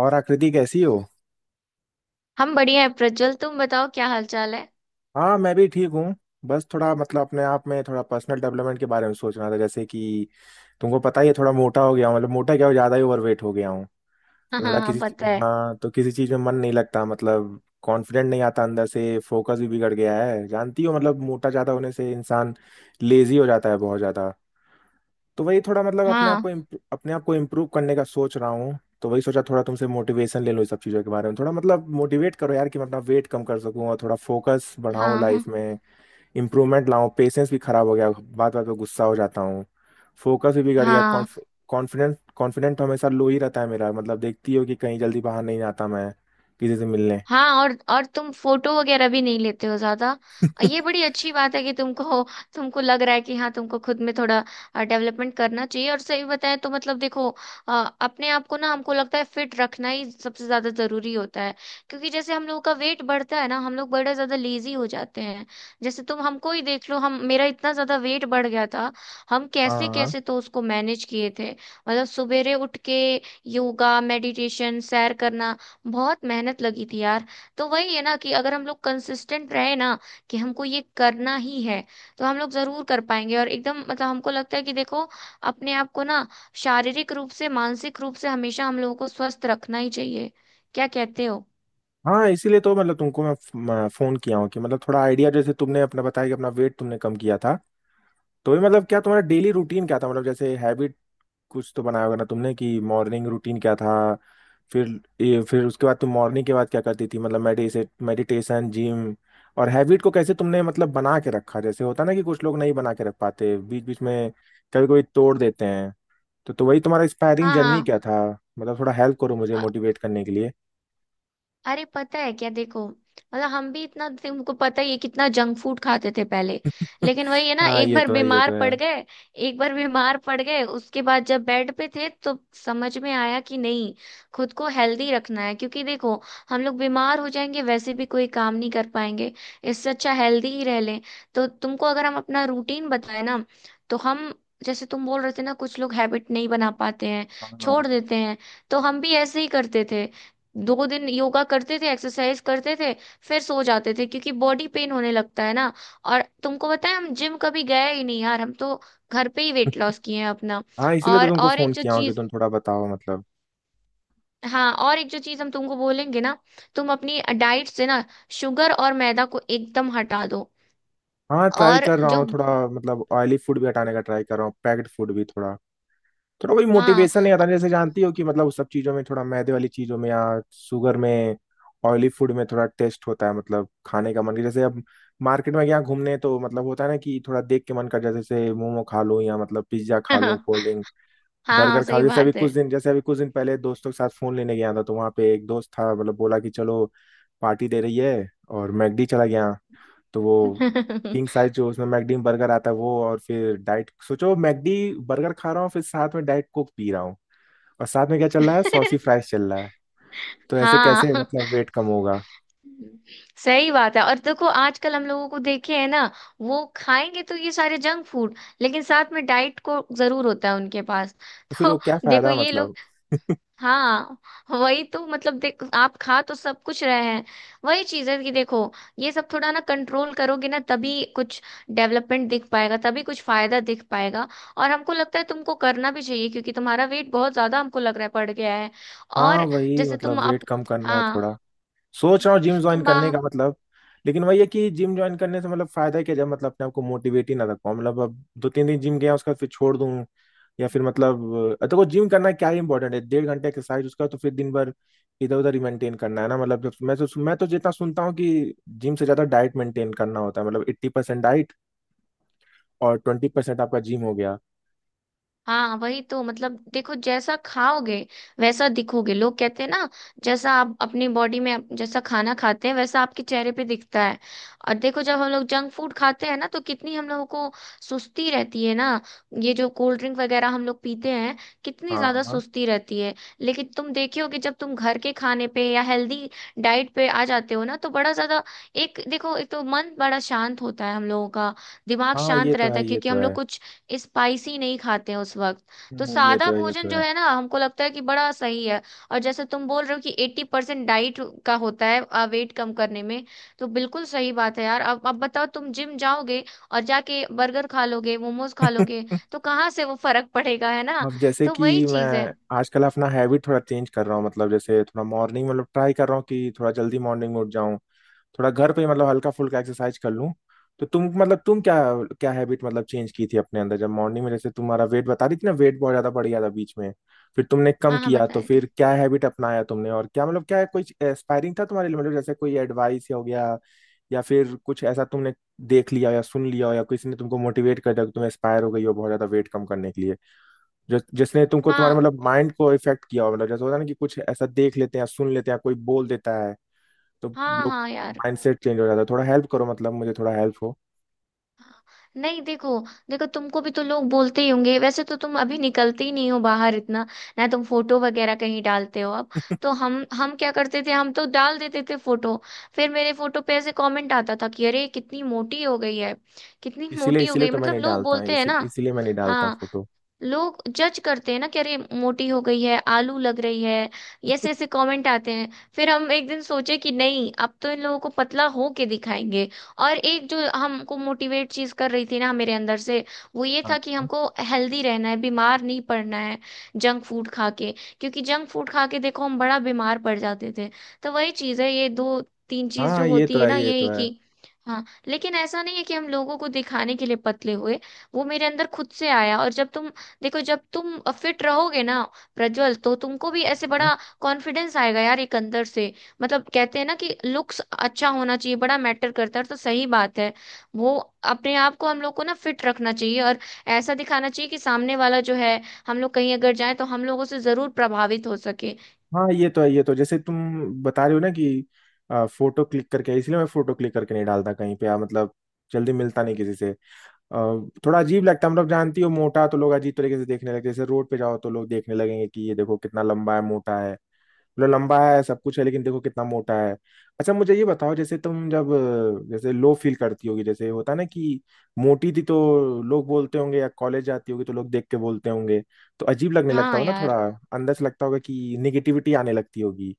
और आकृति कैसी हो? हम बढ़िया है प्रज्वल। तुम बताओ, क्या हाल चाल है? हाँ, मैं भी ठीक हूँ। बस थोड़ा मतलब अपने आप में थोड़ा पर्सनल डेवलपमेंट के बारे में सोच रहा था, जैसे कि तुमको पता ही है थोड़ा मोटा हो गया हूँ, मतलब मोटा क्या हो, ज़्यादा ही ओवरवेट हो गया हूँ। हाँ तो हाँ थोड़ा हाँ, पता है। हाँ, तो किसी चीज़ में मन नहीं लगता, मतलब कॉन्फिडेंट नहीं आता अंदर से। फोकस भी बिगड़ गया है, जानती हो, मतलब मोटा ज़्यादा होने से इंसान लेजी हो जाता है बहुत ज़्यादा। तो वही थोड़ा मतलब हाँ अपने आप को इम्प्रूव करने का सोच रहा हूँ। तो वही सोचा थोड़ा तुमसे मोटिवेशन ले लो इस सब चीज़ों के बारे में, थोड़ा मतलब मोटिवेट करो यार कि मैं अपना वेट कम कर सकूँ और थोड़ा फोकस बढ़ाऊँ हाँ हाँ। लाइफ में, इम्प्रूवमेंट लाऊँ। पेशेंस भी खराब हो गया, बात बात पे गुस्सा हो जाता हूँ, फोकस भी बिगड़ गया। हाँ। कॉन्फिडेंट कॉन्फिडेंट हमेशा लो ही रहता है मेरा, मतलब देखती हो कि कहीं जल्दी बाहर नहीं आता मैं किसी से मिलने। हाँ, और तुम फोटो वगैरह भी नहीं लेते हो ज्यादा। ये बड़ी अच्छी बात है कि तुमको तुमको लग रहा है कि हाँ, तुमको खुद में थोड़ा डेवलपमेंट करना चाहिए। और सही बताएं तो मतलब देखो, अ, अपने आप को ना हमको लगता है फिट रखना ही सबसे ज्यादा जरूरी होता है। क्योंकि जैसे हम लोगों का वेट बढ़ता है ना, हम लोग बड़ा ज्यादा लेजी हो जाते हैं। जैसे तुम हमको ही देख लो, हम मेरा इतना ज्यादा वेट बढ़ गया था। हम कैसे हाँ कैसे तो उसको मैनेज किए थे, मतलब सवेरे उठ के योगा, मेडिटेशन, सैर करना। बहुत मेहनत लगी थी यार। तो वही है ना कि अगर हम लोग कंसिस्टेंट रहे ना कि हमको ये करना ही है, तो हम लोग जरूर कर पाएंगे। और एकदम मतलब हमको लगता है कि देखो, अपने आप को ना शारीरिक रूप से, मानसिक रूप से हमेशा हम लोगों को स्वस्थ रखना ही चाहिए। क्या कहते हो? हाँ। इसीलिए तो मतलब तुमको मैं फोन किया हूँ कि मतलब थोड़ा आइडिया, जैसे तुमने अपना बताया कि अपना वेट तुमने कम किया था। तो ये मतलब क्या तुम्हारा डेली रूटीन क्या था, मतलब जैसे हैबिट कुछ तो बनाया होगा ना तुमने, कि मॉर्निंग रूटीन क्या था। फिर फिर उसके बाद तुम मॉर्निंग के बाद क्या करती थी, मतलब मेडिसे मेडिटेशन, जिम, और हैबिट को कैसे तुमने मतलब बना के रखा। जैसे होता ना कि कुछ लोग नहीं बना के रख पाते, बीच बीच में कभी कभी तोड़ देते हैं। तो वही तुम्हारा इंस्पायरिंग जर्नी हाँ क्या था, मतलब थोड़ा हेल्प करो मुझे हाँ। मोटिवेट करने के लिए। अरे पता है क्या, देखो, मतलब हम भी इतना, तुमको पता ही है, कितना जंक फूड खाते थे पहले। लेकिन वही है ना, हाँ, एक ये बार तो है ये बीमार तो पड़ है। गए। एक बार बीमार पड़ गए, उसके बाद जब बेड पे थे तो समझ में आया कि नहीं, खुद को हेल्दी रखना है। क्योंकि देखो, हम लोग बीमार हो जाएंगे वैसे भी कोई काम नहीं कर पाएंगे। इससे अच्छा हेल्दी ही रह लें। तो तुमको अगर हम अपना रूटीन बताए ना, तो हम जैसे तुम बोल रहे थे ना, कुछ लोग हैबिट नहीं बना पाते हैं, छोड़ हाँ देते हैं। तो हम भी ऐसे ही करते थे, दो दिन योगा करते थे, एक्सरसाइज करते थे, फिर सो जाते थे क्योंकि बॉडी पेन होने लगता है ना। और तुमको पता है हम जिम कभी गए ही नहीं यार, हम तो घर पे ही वेट लॉस किए हैं अपना। हाँ, इसीलिए तो और तुमको और फोन एक जो किया हूँ कि चीज, तुम थोड़ा बताओ मतलब। हाँ, और एक जो चीज हम तुमको बोलेंगे ना, तुम अपनी डाइट से ना शुगर और मैदा को एकदम हटा दो। हाँ, ट्राई और कर रहा जो हूँ थोड़ा, मतलब ऑयली फूड भी हटाने का ट्राई कर रहा हूँ, पैक्ड फूड भी थोड़ा। थोड़ा कोई हाँ मोटिवेशन नहीं आता, जैसे जानती हो कि मतलब उस सब चीज़ों में, थोड़ा मैदे वाली चीज़ों में या शुगर में, ऑयली फूड में थोड़ा टेस्ट होता है, मतलब खाने का मन। जैसे अब मार्केट में गया घूमने तो मतलब होता है ना कि थोड़ा देख के मन कर जाता है, जैसे मोमो खा लूँ, या मतलब पिज्ज़ा खा लूँ, हाँ। कोल्ड ड्रिंक, हाँ बर्गर खा सही लूँ। बात है। जैसे अभी कुछ दिन पहले दोस्तों के साथ फोन लेने गया था, तो वहाँ पे एक दोस्त था, मतलब बोला कि चलो पार्टी दे रही है, और मैकडी चला गया। तो वो किंग साइज जो उसमें मैकडी बर्गर आता है वो, और फिर डाइट सोचो, मैकडी बर्गर खा रहा हूँ, फिर साथ में डाइट कोक पी रहा हूँ, और साथ में क्या चल रहा है, सॉसी फ्राइज चल रहा है। तो ऐसे हाँ। कैसे मतलब वेट कम होगा? हम्म, सही बात है। और देखो आजकल हम लोगों को देखे है ना, वो खाएंगे तो ये सारे जंक फूड, लेकिन साथ में डाइट को जरूर होता है उनके पास। तो फिर वो तो क्या देखो फायदा ये लोग, मतलब। हाँ, वही तो मतलब देख, आप खा तो सब कुछ रहे हैं। वही चीज है कि देखो, ये सब थोड़ा ना कंट्रोल करोगे ना, तभी कुछ डेवलपमेंट दिख पाएगा, तभी कुछ फायदा दिख पाएगा। और हमको लगता है तुमको करना भी चाहिए क्योंकि तुम्हारा वेट बहुत ज्यादा हमको लग रहा है बढ़ गया है। हाँ, और वही जैसे मतलब तुम वेट अब, कम करना है हाँ, थोड़ा। सोच रहा हूँ जिम ज्वाइन तुम बा, करने का, मतलब लेकिन वही है कि जिम ज्वाइन करने से मतलब फायदा क्या जब मतलब अपने आप को मोटिवेट ही ना रख पाऊँ, मतलब अब 2-3 दिन जिम गया उसके बाद फिर छोड़ दूँ या फिर मतलब। देखो जिम करना क्या ही इंपॉर्टेंट है, डेढ़ घंटे एक्सरसाइज, उसका तो फिर दिन भर इधर उधर ही मेंटेन करना है ना। मतलब मैं तो जितना सुनता हूँ कि जिम से ज्यादा डाइट मेंटेन करना होता है, मतलब 80% डाइट और 20% आपका जिम हो गया। हाँ, वही तो मतलब देखो, जैसा खाओगे वैसा दिखोगे, लोग कहते हैं ना। जैसा आप अपनी बॉडी में जैसा खाना खाते हैं वैसा आपके चेहरे पे दिखता है। और देखो जब हम लोग जंक फूड खाते हैं ना, तो कितनी हम लोगों को सुस्ती रहती है ना। ये जो कोल्ड ड्रिंक वगैरह हम लोग पीते हैं, कितनी हाँ ज्यादा हाँ सुस्ती रहती है। लेकिन तुम देखे हो कि जब तुम घर के खाने पे या हेल्दी डाइट पे आ जाते हो ना, तो बड़ा ज्यादा, एक देखो, एक तो मन बड़ा शांत होता है हम लोगों का, दिमाग हाँ, ये शांत तो रहता है है, ये क्योंकि तो हम लोग है। कुछ स्पाइसी नहीं खाते हैं उस वक्त। तो ये सादा तो है ये तो भोजन जो है। है ना, हमको लगता है कि बड़ा सही है। और जैसे तुम बोल रहे हो कि एट्टी परसेंट डाइट का होता है वेट कम करने में, तो बिल्कुल सही बात है यार। अब बताओ, तुम जिम जाओगे और जाके बर्गर खा लोगे, मोमोज खा लोगे, तो कहाँ से वो फर्क पड़ेगा, है ना? अब जैसे तो कि वही चीज है। मैं आजकल अपना हैबिट थोड़ा चेंज कर रहा हूँ, मतलब जैसे थोड़ा मॉर्निंग, मतलब ट्राई कर रहा हूँ कि थोड़ा जल्दी मॉर्निंग में उठ जाऊँ, थोड़ा घर पे ही मतलब हल्का फुल्का एक्सरसाइज कर लूँ। तो तुम मतलब तुम क्या क्या हैबिट मतलब चेंज की थी अपने अंदर जब मॉर्निंग में, जैसे तुम्हारा वेट बता रही थी ना, वेट बहुत ज्यादा बढ़ गया था बीच में, फिर तुमने कम हाँ हाँ, किया तो बताए फिर थे। क्या हैबिट अपनाया तुमने, और क्या मतलब क्या कोई एस्पायरिंग था तुम्हारे लिए, मतलब जैसे कोई एडवाइस हो गया या फिर कुछ ऐसा तुमने देख लिया या सुन लिया हो, या किसी ने तुमको मोटिवेट कर दिया कि तुम एस्पायर हो गई हो बहुत ज्यादा वेट कम करने के लिए, जो जिसने तुमको तुम्हारे हाँ। मतलब माइंड को इफेक्ट किया हो। मतलब जैसे होता है ना कि कुछ ऐसा देख लेते हैं, सुन लेते हैं, कोई बोल देता है तो हाँ लोग हाँ यार। माइंडसेट चेंज हो जाता है। थोड़ा हेल्प करो मतलब, मुझे थोड़ा हेल्प हो। नहीं देखो देखो तुमको भी तो लोग बोलते ही होंगे। वैसे तो तुम अभी निकलते ही नहीं हो बाहर इतना, ना तुम फोटो वगैरह कहीं डालते हो अब। तो हम क्या करते थे, हम तो डाल देते थे फोटो। फिर मेरे फोटो पे ऐसे कमेंट आता था कि अरे कितनी मोटी हो गई है, कितनी इसीलिए मोटी हो गई इसीलिए है। तो मैं मतलब नहीं लोग डालता बोलते हैं इसी, ना। इसीलिए मैं नहीं डालता हाँ, फोटो। लोग जज करते हैं ना कि अरे मोटी हो गई है, आलू लग रही है। ये ऐसे ऐसे कमेंट आते हैं। फिर हम एक दिन सोचे कि नहीं, अब तो इन लोगों को पतला हो के दिखाएंगे। और एक जो हमको मोटिवेट चीज कर रही थी ना मेरे अंदर से, वो ये हाँ था कि हमको हेल्दी रहना है, बीमार नहीं पड़ना है जंक फूड खा के। क्योंकि जंक फूड खा के देखो हम बड़ा बीमार पड़ जाते थे। तो वही चीज है, ये दो तीन चीज हाँ, जो ये तो होती है है ना ये तो यही है। कि, हाँ, लेकिन ऐसा नहीं है कि हम लोगों को दिखाने के लिए पतले हुए। वो मेरे अंदर खुद से आया। और जब तुम, देखो, जब तुम फिट रहोगे ना प्रज्वल, तो तुमको भी ऐसे हाँ बड़ा कॉन्फिडेंस आएगा यार एक अंदर से। मतलब कहते हैं ना कि लुक्स अच्छा होना चाहिए, बड़ा मैटर करता है, तो सही बात है। वो, अपने आप को हम लोग को ना फिट रखना चाहिए और ऐसा दिखाना चाहिए कि सामने वाला जो है, हम लोग कहीं अगर जाए तो हम लोगों से जरूर प्रभावित हो सके। हाँ, ये तो है ये तो। जैसे तुम बता रहे हो ना कि, फोटो क्लिक करके इसलिए मैं फोटो क्लिक करके नहीं डालता कहीं पे। मतलब जल्दी मिलता नहीं किसी से। आ, थोड़ा अजीब लगता है, मतलब जानती हो मोटा तो लोग अजीब तरीके से देखने लगते हैं। जैसे रोड पे जाओ तो लोग देखने लगेंगे कि ये देखो कितना लंबा है, मोटा है, मतलब लंबा है सब कुछ है लेकिन देखो कितना मोटा है। अच्छा, मुझे ये बताओ, जैसे तुम जब जैसे लो फील करती होगी, जैसे होता है ना कि मोटी थी तो लोग बोलते होंगे, या कॉलेज जाती होगी तो लोग देख के बोलते होंगे तो अजीब लगने लगता हाँ होगा ना थोड़ा, यार। अंदर से लगता होगा कि निगेटिविटी आने लगती होगी।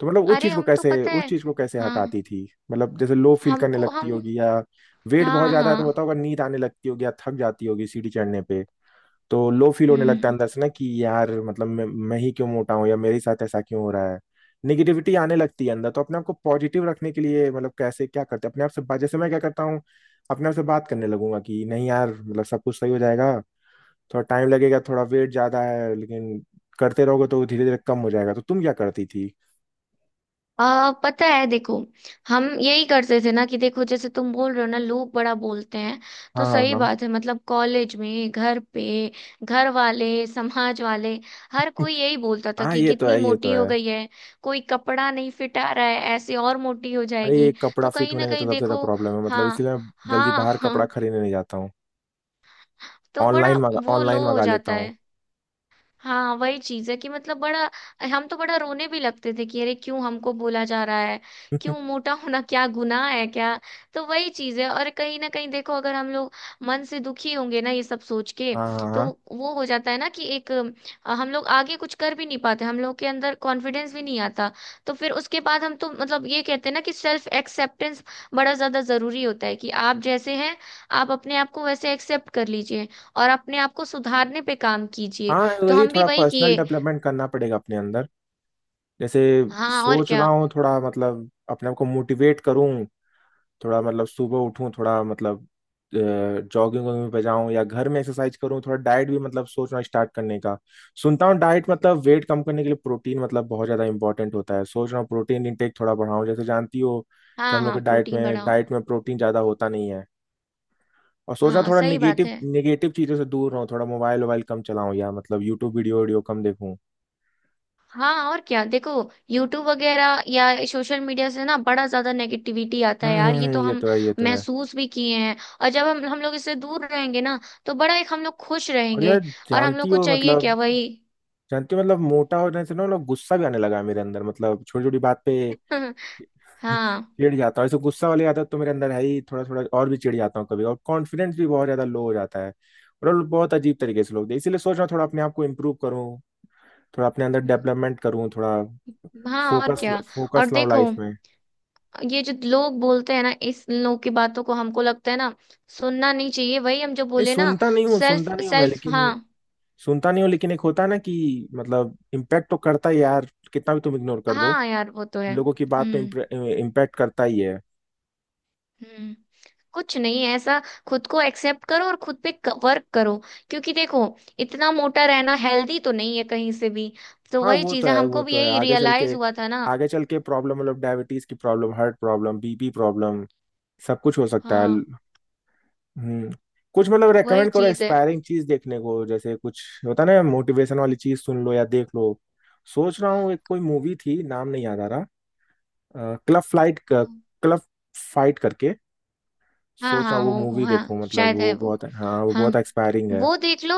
तो मतलब अरे हम तो पता उस है। चीज को कैसे हाँ। हटाती थी, मतलब जैसे लो फील करने हमको लगती हम, होगी, या वेट बहुत हाँ ज्यादा है तो हाँ। होता होगा, नींद आने लगती होगी या थक जाती होगी सीढ़ी चढ़ने पे। तो लो फील होने लगता है हम्म अंदर से ना कि यार मतलब मैं ही क्यों मोटा हूँ या मेरे साथ ऐसा क्यों हो रहा है, निगेटिविटी आने लगती है अंदर। तो अपने आप को पॉजिटिव रखने के लिए मतलब कैसे क्या करते हैं, अपने आप से बात? जैसे मैं क्या करता हूँ अपने आप से बात करने लगूंगा कि नहीं यार मतलब सब कुछ सही हो जाएगा, थोड़ा टाइम लगेगा, थोड़ा वेट ज्यादा है लेकिन करते रहोगे तो धीरे धीरे कम हो जाएगा। तो तुम क्या करती थी? पता है देखो, हम यही करते थे ना कि देखो, जैसे तुम बोल रहे हो ना, लोग बड़ा बोलते हैं। तो हाँ हाँ सही हाँ बात है, मतलब कॉलेज में, घर पे, घर वाले, समाज वाले, हर कोई यही बोलता था हाँ, कि ये तो कितनी है ये तो मोटी हो है। गई है, कोई कपड़ा नहीं फिट आ रहा है, ऐसे और मोटी हो अरे, ये जाएगी। कपड़ा तो फिट कहीं ना होने का तो कहीं सबसे ज्यादा देखो, प्रॉब्लम है, मतलब हाँ इसीलिए मैं जल्दी हाँ बाहर कपड़ा हाँ, खरीदने नहीं जाता हूँ, तो बड़ा वो लो ऑनलाइन हो मंगा लेता जाता हूँ। है। हाँ, वही चीज है कि मतलब बड़ा, हम तो बड़ा रोने भी लगते थे कि अरे क्यों हमको बोला जा रहा है, क्यों, मोटा होना क्या गुनाह है क्या? तो वही चीज है। और कहीं ना कहीं देखो, अगर हम लोग मन से दुखी होंगे ना ये सब सोच के, हाँ तो हाँ वो हो जाता है ना कि एक, हम लोग आगे कुछ कर भी नहीं पाते, हम लोग के अंदर कॉन्फिडेंस भी नहीं आता। तो फिर उसके बाद हम तो मतलब ये कहते हैं ना कि सेल्फ एक्सेप्टेंस बड़ा ज्यादा जरूरी होता है, कि आप जैसे हैं आप अपने आप को वैसे एक्सेप्ट कर लीजिए और अपने आप को सुधारने पे काम कीजिए। हाँ, तो वही हम भी थोड़ा वही पर्सनल किए। डेवलपमेंट करना पड़ेगा अपने अंदर, जैसे हाँ और सोच रहा क्या। हूँ थोड़ा मतलब अपने आप को मोटिवेट करूँ, थोड़ा मतलब सुबह उठूँ, थोड़ा मतलब जॉगिंग वॉगिंग पे जाऊँ या घर में एक्सरसाइज करूँ, थोड़ा डाइट भी मतलब सोचना स्टार्ट करने का। सुनता हूँ डाइट मतलब वेट कम करने के लिए प्रोटीन मतलब बहुत ज़्यादा इंपॉर्टेंट होता है, सोच रहा हूँ प्रोटीन इंटेक थोड़ा बढ़ाऊँ, जैसे जानती हो कि हाँ हम लोग के हाँ, डाइट प्रोटीन में बढ़ाओ। डाइट में प्रोटीन ज़्यादा होता नहीं है। और सोच रहा हूँ हाँ थोड़ा सही बात निगेटिव है। निगेटिव चीज़ों से दूर रहूँ, थोड़ा मोबाइल वोबाइल कम चलाऊँ, या मतलब यूट्यूब वीडियो वीडियो कम देखूँ। हाँ और क्या देखो, यूट्यूब वगैरह या सोशल मीडिया से ना बड़ा ज्यादा नेगेटिविटी आता है यार, ये तो ये हम तो है ये तो है। महसूस भी किए हैं। और जब हम लोग इससे दूर रहेंगे ना, तो बड़ा एक हम लोग खुश और रहेंगे। यार, और हम जानती लोग को हो चाहिए क्या, मतलब, वही। मोटा होने से ना मतलब गुस्सा भी आने लगा है मेरे अंदर, मतलब छोटी छोटी बात पे। हाँ। चिढ़ जाता हूँ ऐसे। गुस्सा वाली आदत तो मेरे अंदर है ही थोड़ा थोड़ा, और भी चिढ़ जाता हूँ कभी, और कॉन्फिडेंस भी बहुत ज्यादा लो हो जाता है, और बहुत अजीब तरीके से इसीलिए सोच रहा हूँ थोड़ा अपने आप को इम्प्रूव करूँ, थोड़ा अपने अंदर डेवलपमेंट करूँ, थोड़ा हाँ और फोकस क्या। फोकस और लाऊं देखो लाइफ में। ये जो लोग बोलते हैं ना, इस लोग की बातों को हमको लगता है ना सुनना नहीं चाहिए, वही हम जो नहीं, बोले ना, सुनता नहीं हूँ, सेल्फ सुनता नहीं हूँ मैं, सेल्फ हाँ। लेकिन सुनता नहीं हूँ लेकिन एक होता है ना कि मतलब इम्पैक्ट तो करता है यार, कितना भी तुम इग्नोर कर दो, हाँ यार वो तो है। लोगों की बात तो हम्म। इम्पैक्ट करता ही है। हम्म, कुछ नहीं ऐसा, खुद को एक्सेप्ट करो और खुद पे वर्क करो। क्योंकि देखो इतना मोटा रहना हेल्दी तो नहीं है कहीं से भी। तो हाँ वही वो तो चीज है, है वो हमको भी तो है। यही रियलाइज हुआ था ना। आगे चल के प्रॉब्लम, मतलब डायबिटीज की problem, heart problem, BP problem, सब कुछ हो सकता है। हाँ, हम्म। कुछ मतलब वही रेकमेंड करो चीज एक्सपायरिंग चीज देखने को, जैसे कुछ होता ना मोटिवेशन वाली चीज, सुन लो या देख लो। सोच रहा हूँ एक कोई मूवी थी, नाम नहीं याद आ रहा, क्लब फ्लाइट है। क्लब, फाइट करके। हाँ सोच रहा हाँ हूँ वो हो मूवी हाँ, देखूं, मतलब शायद है वो वो। बहुत, हाँ वो हाँ, बहुत एक्सपायरिंग है। वो देख लो।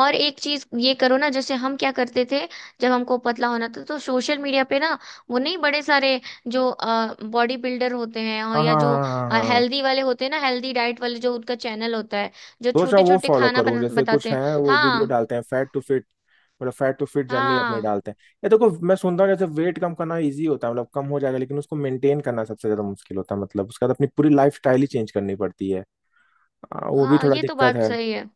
और एक चीज ये करो ना, जैसे हम क्या करते थे, जब हमको पतला होना था तो सोशल मीडिया पे ना वो नहीं, बड़े सारे जो बॉडी बिल्डर होते हैं, और हाँ या हाँ जो हाँ हाँ हाँ। हेल्दी वाले होते हैं ना, हेल्दी डाइट वाले, जो उनका चैनल होता है, जो सोच रहा छोटे हूँ वो छोटे फॉलो खाना करूँ, बना जैसे कुछ बताते हैं। है वो वीडियो हाँ। डालते हैं, फैट टू फिट जर्नी अपनी हाँ डालते हैं। ये देखो, मैं सुनता हूँ जैसे वेट कम करना इजी होता है, मतलब कम हो जाएगा लेकिन उसको मेंटेन करना सबसे ज्यादा मुश्किल होता है, मतलब उसका तो अपनी पूरी लाइफ स्टाइल ही चेंज करनी पड़ती है। वो भी हाँ, थोड़ा ये तो दिक्कत बात है। सही है।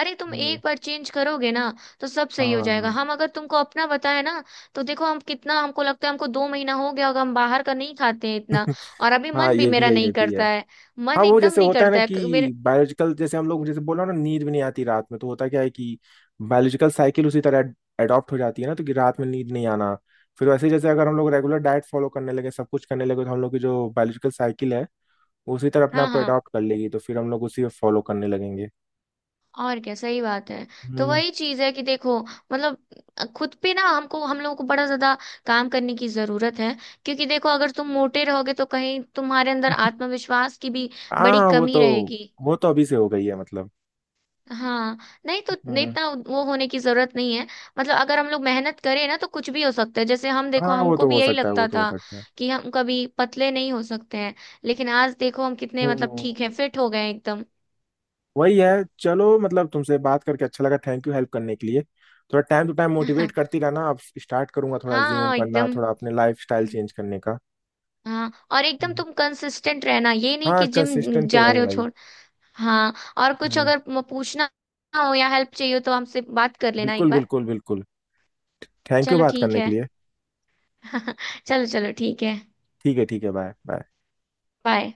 अरे तुम हम्म, एक बार चेंज करोगे ना, तो सब हाँ सही हो जाएगा। हम हाँ। अगर तुमको अपना बताए ना, तो देखो हम कितना, हमको लगता है हमको दो महीना हो गया होगा, हम बाहर का नहीं खाते हैं इतना। और अभी हाँ, मन भी ये भी मेरा है ये नहीं भी है। करता है, हाँ, मन वो एकदम जैसे नहीं होता है ना करता है मेरे। कि बायोलॉजिकल, जैसे हम लोग जैसे बोला ना नींद भी नहीं आती रात में, तो होता क्या है कि बायोलॉजिकल साइकिल उसी तरह एडॉप्ट हो जाती है ना, तो कि रात में नींद नहीं आना, फिर वैसे ही जैसे अगर हम लोग रेगुलर डाइट फॉलो करने लगे, सब कुछ करने लगे, तो हम लोग की जो बायोलॉजिकल साइकिल है वो उसी तरह अपने हाँ आप को हाँ एडॉप्ट कर लेगी, तो फिर हम लोग उसी में फॉलो करने लगेंगे। और क्या, सही बात है। तो हम्म। वही चीज है कि देखो मतलब खुद पे ना हमको, हम लोगों को बड़ा ज्यादा काम करने की जरूरत है। क्योंकि देखो अगर तुम मोटे रहोगे तो कहीं तुम्हारे अंदर आत्मविश्वास की भी बड़ी हाँ, कमी रहेगी। वो तो अभी से हो गई है मतलब। हाँ, नहीं तो नहीं, हम्म। इतना वो होने की जरूरत नहीं है। मतलब अगर हम लोग मेहनत करें ना, तो कुछ भी हो सकता है। जैसे हम देखो, हाँ, वो हमको तो भी हो यही सकता है वो लगता तो हो था सकता है। कि हम कभी पतले नहीं हो सकते हैं, लेकिन आज देखो हम कितने मतलब ठीक है, हम्म, फिट हो गए हैं एकदम। वही है। चलो, मतलब तुमसे बात करके अच्छा लगा, थैंक यू हेल्प करने के लिए। थोड़ा टाइम टू टाइम मोटिवेट करती रहना, अब स्टार्ट करूंगा थोड़ा हाँ जिम हाँ करना, एकदम। थोड़ा अपने लाइफ स्टाइल चेंज करने का। हाँ, और एकदम हम्म, तुम कंसिस्टेंट रहना, ये नहीं हाँ कि जिम कंसिस्टेंट तो जा रहे हो रहूंगा ही। छोड़। हाँ, और कुछ हम्म। अगर पूछना हो या हेल्प चाहिए हो, तो हमसे बात कर लेना एक बिल्कुल बार। बिल्कुल बिल्कुल, थैंक यू चलो बात ठीक करने के है। लिए। चलो चलो ठीक है। ठीक है ठीक है, बाय बाय। बाय।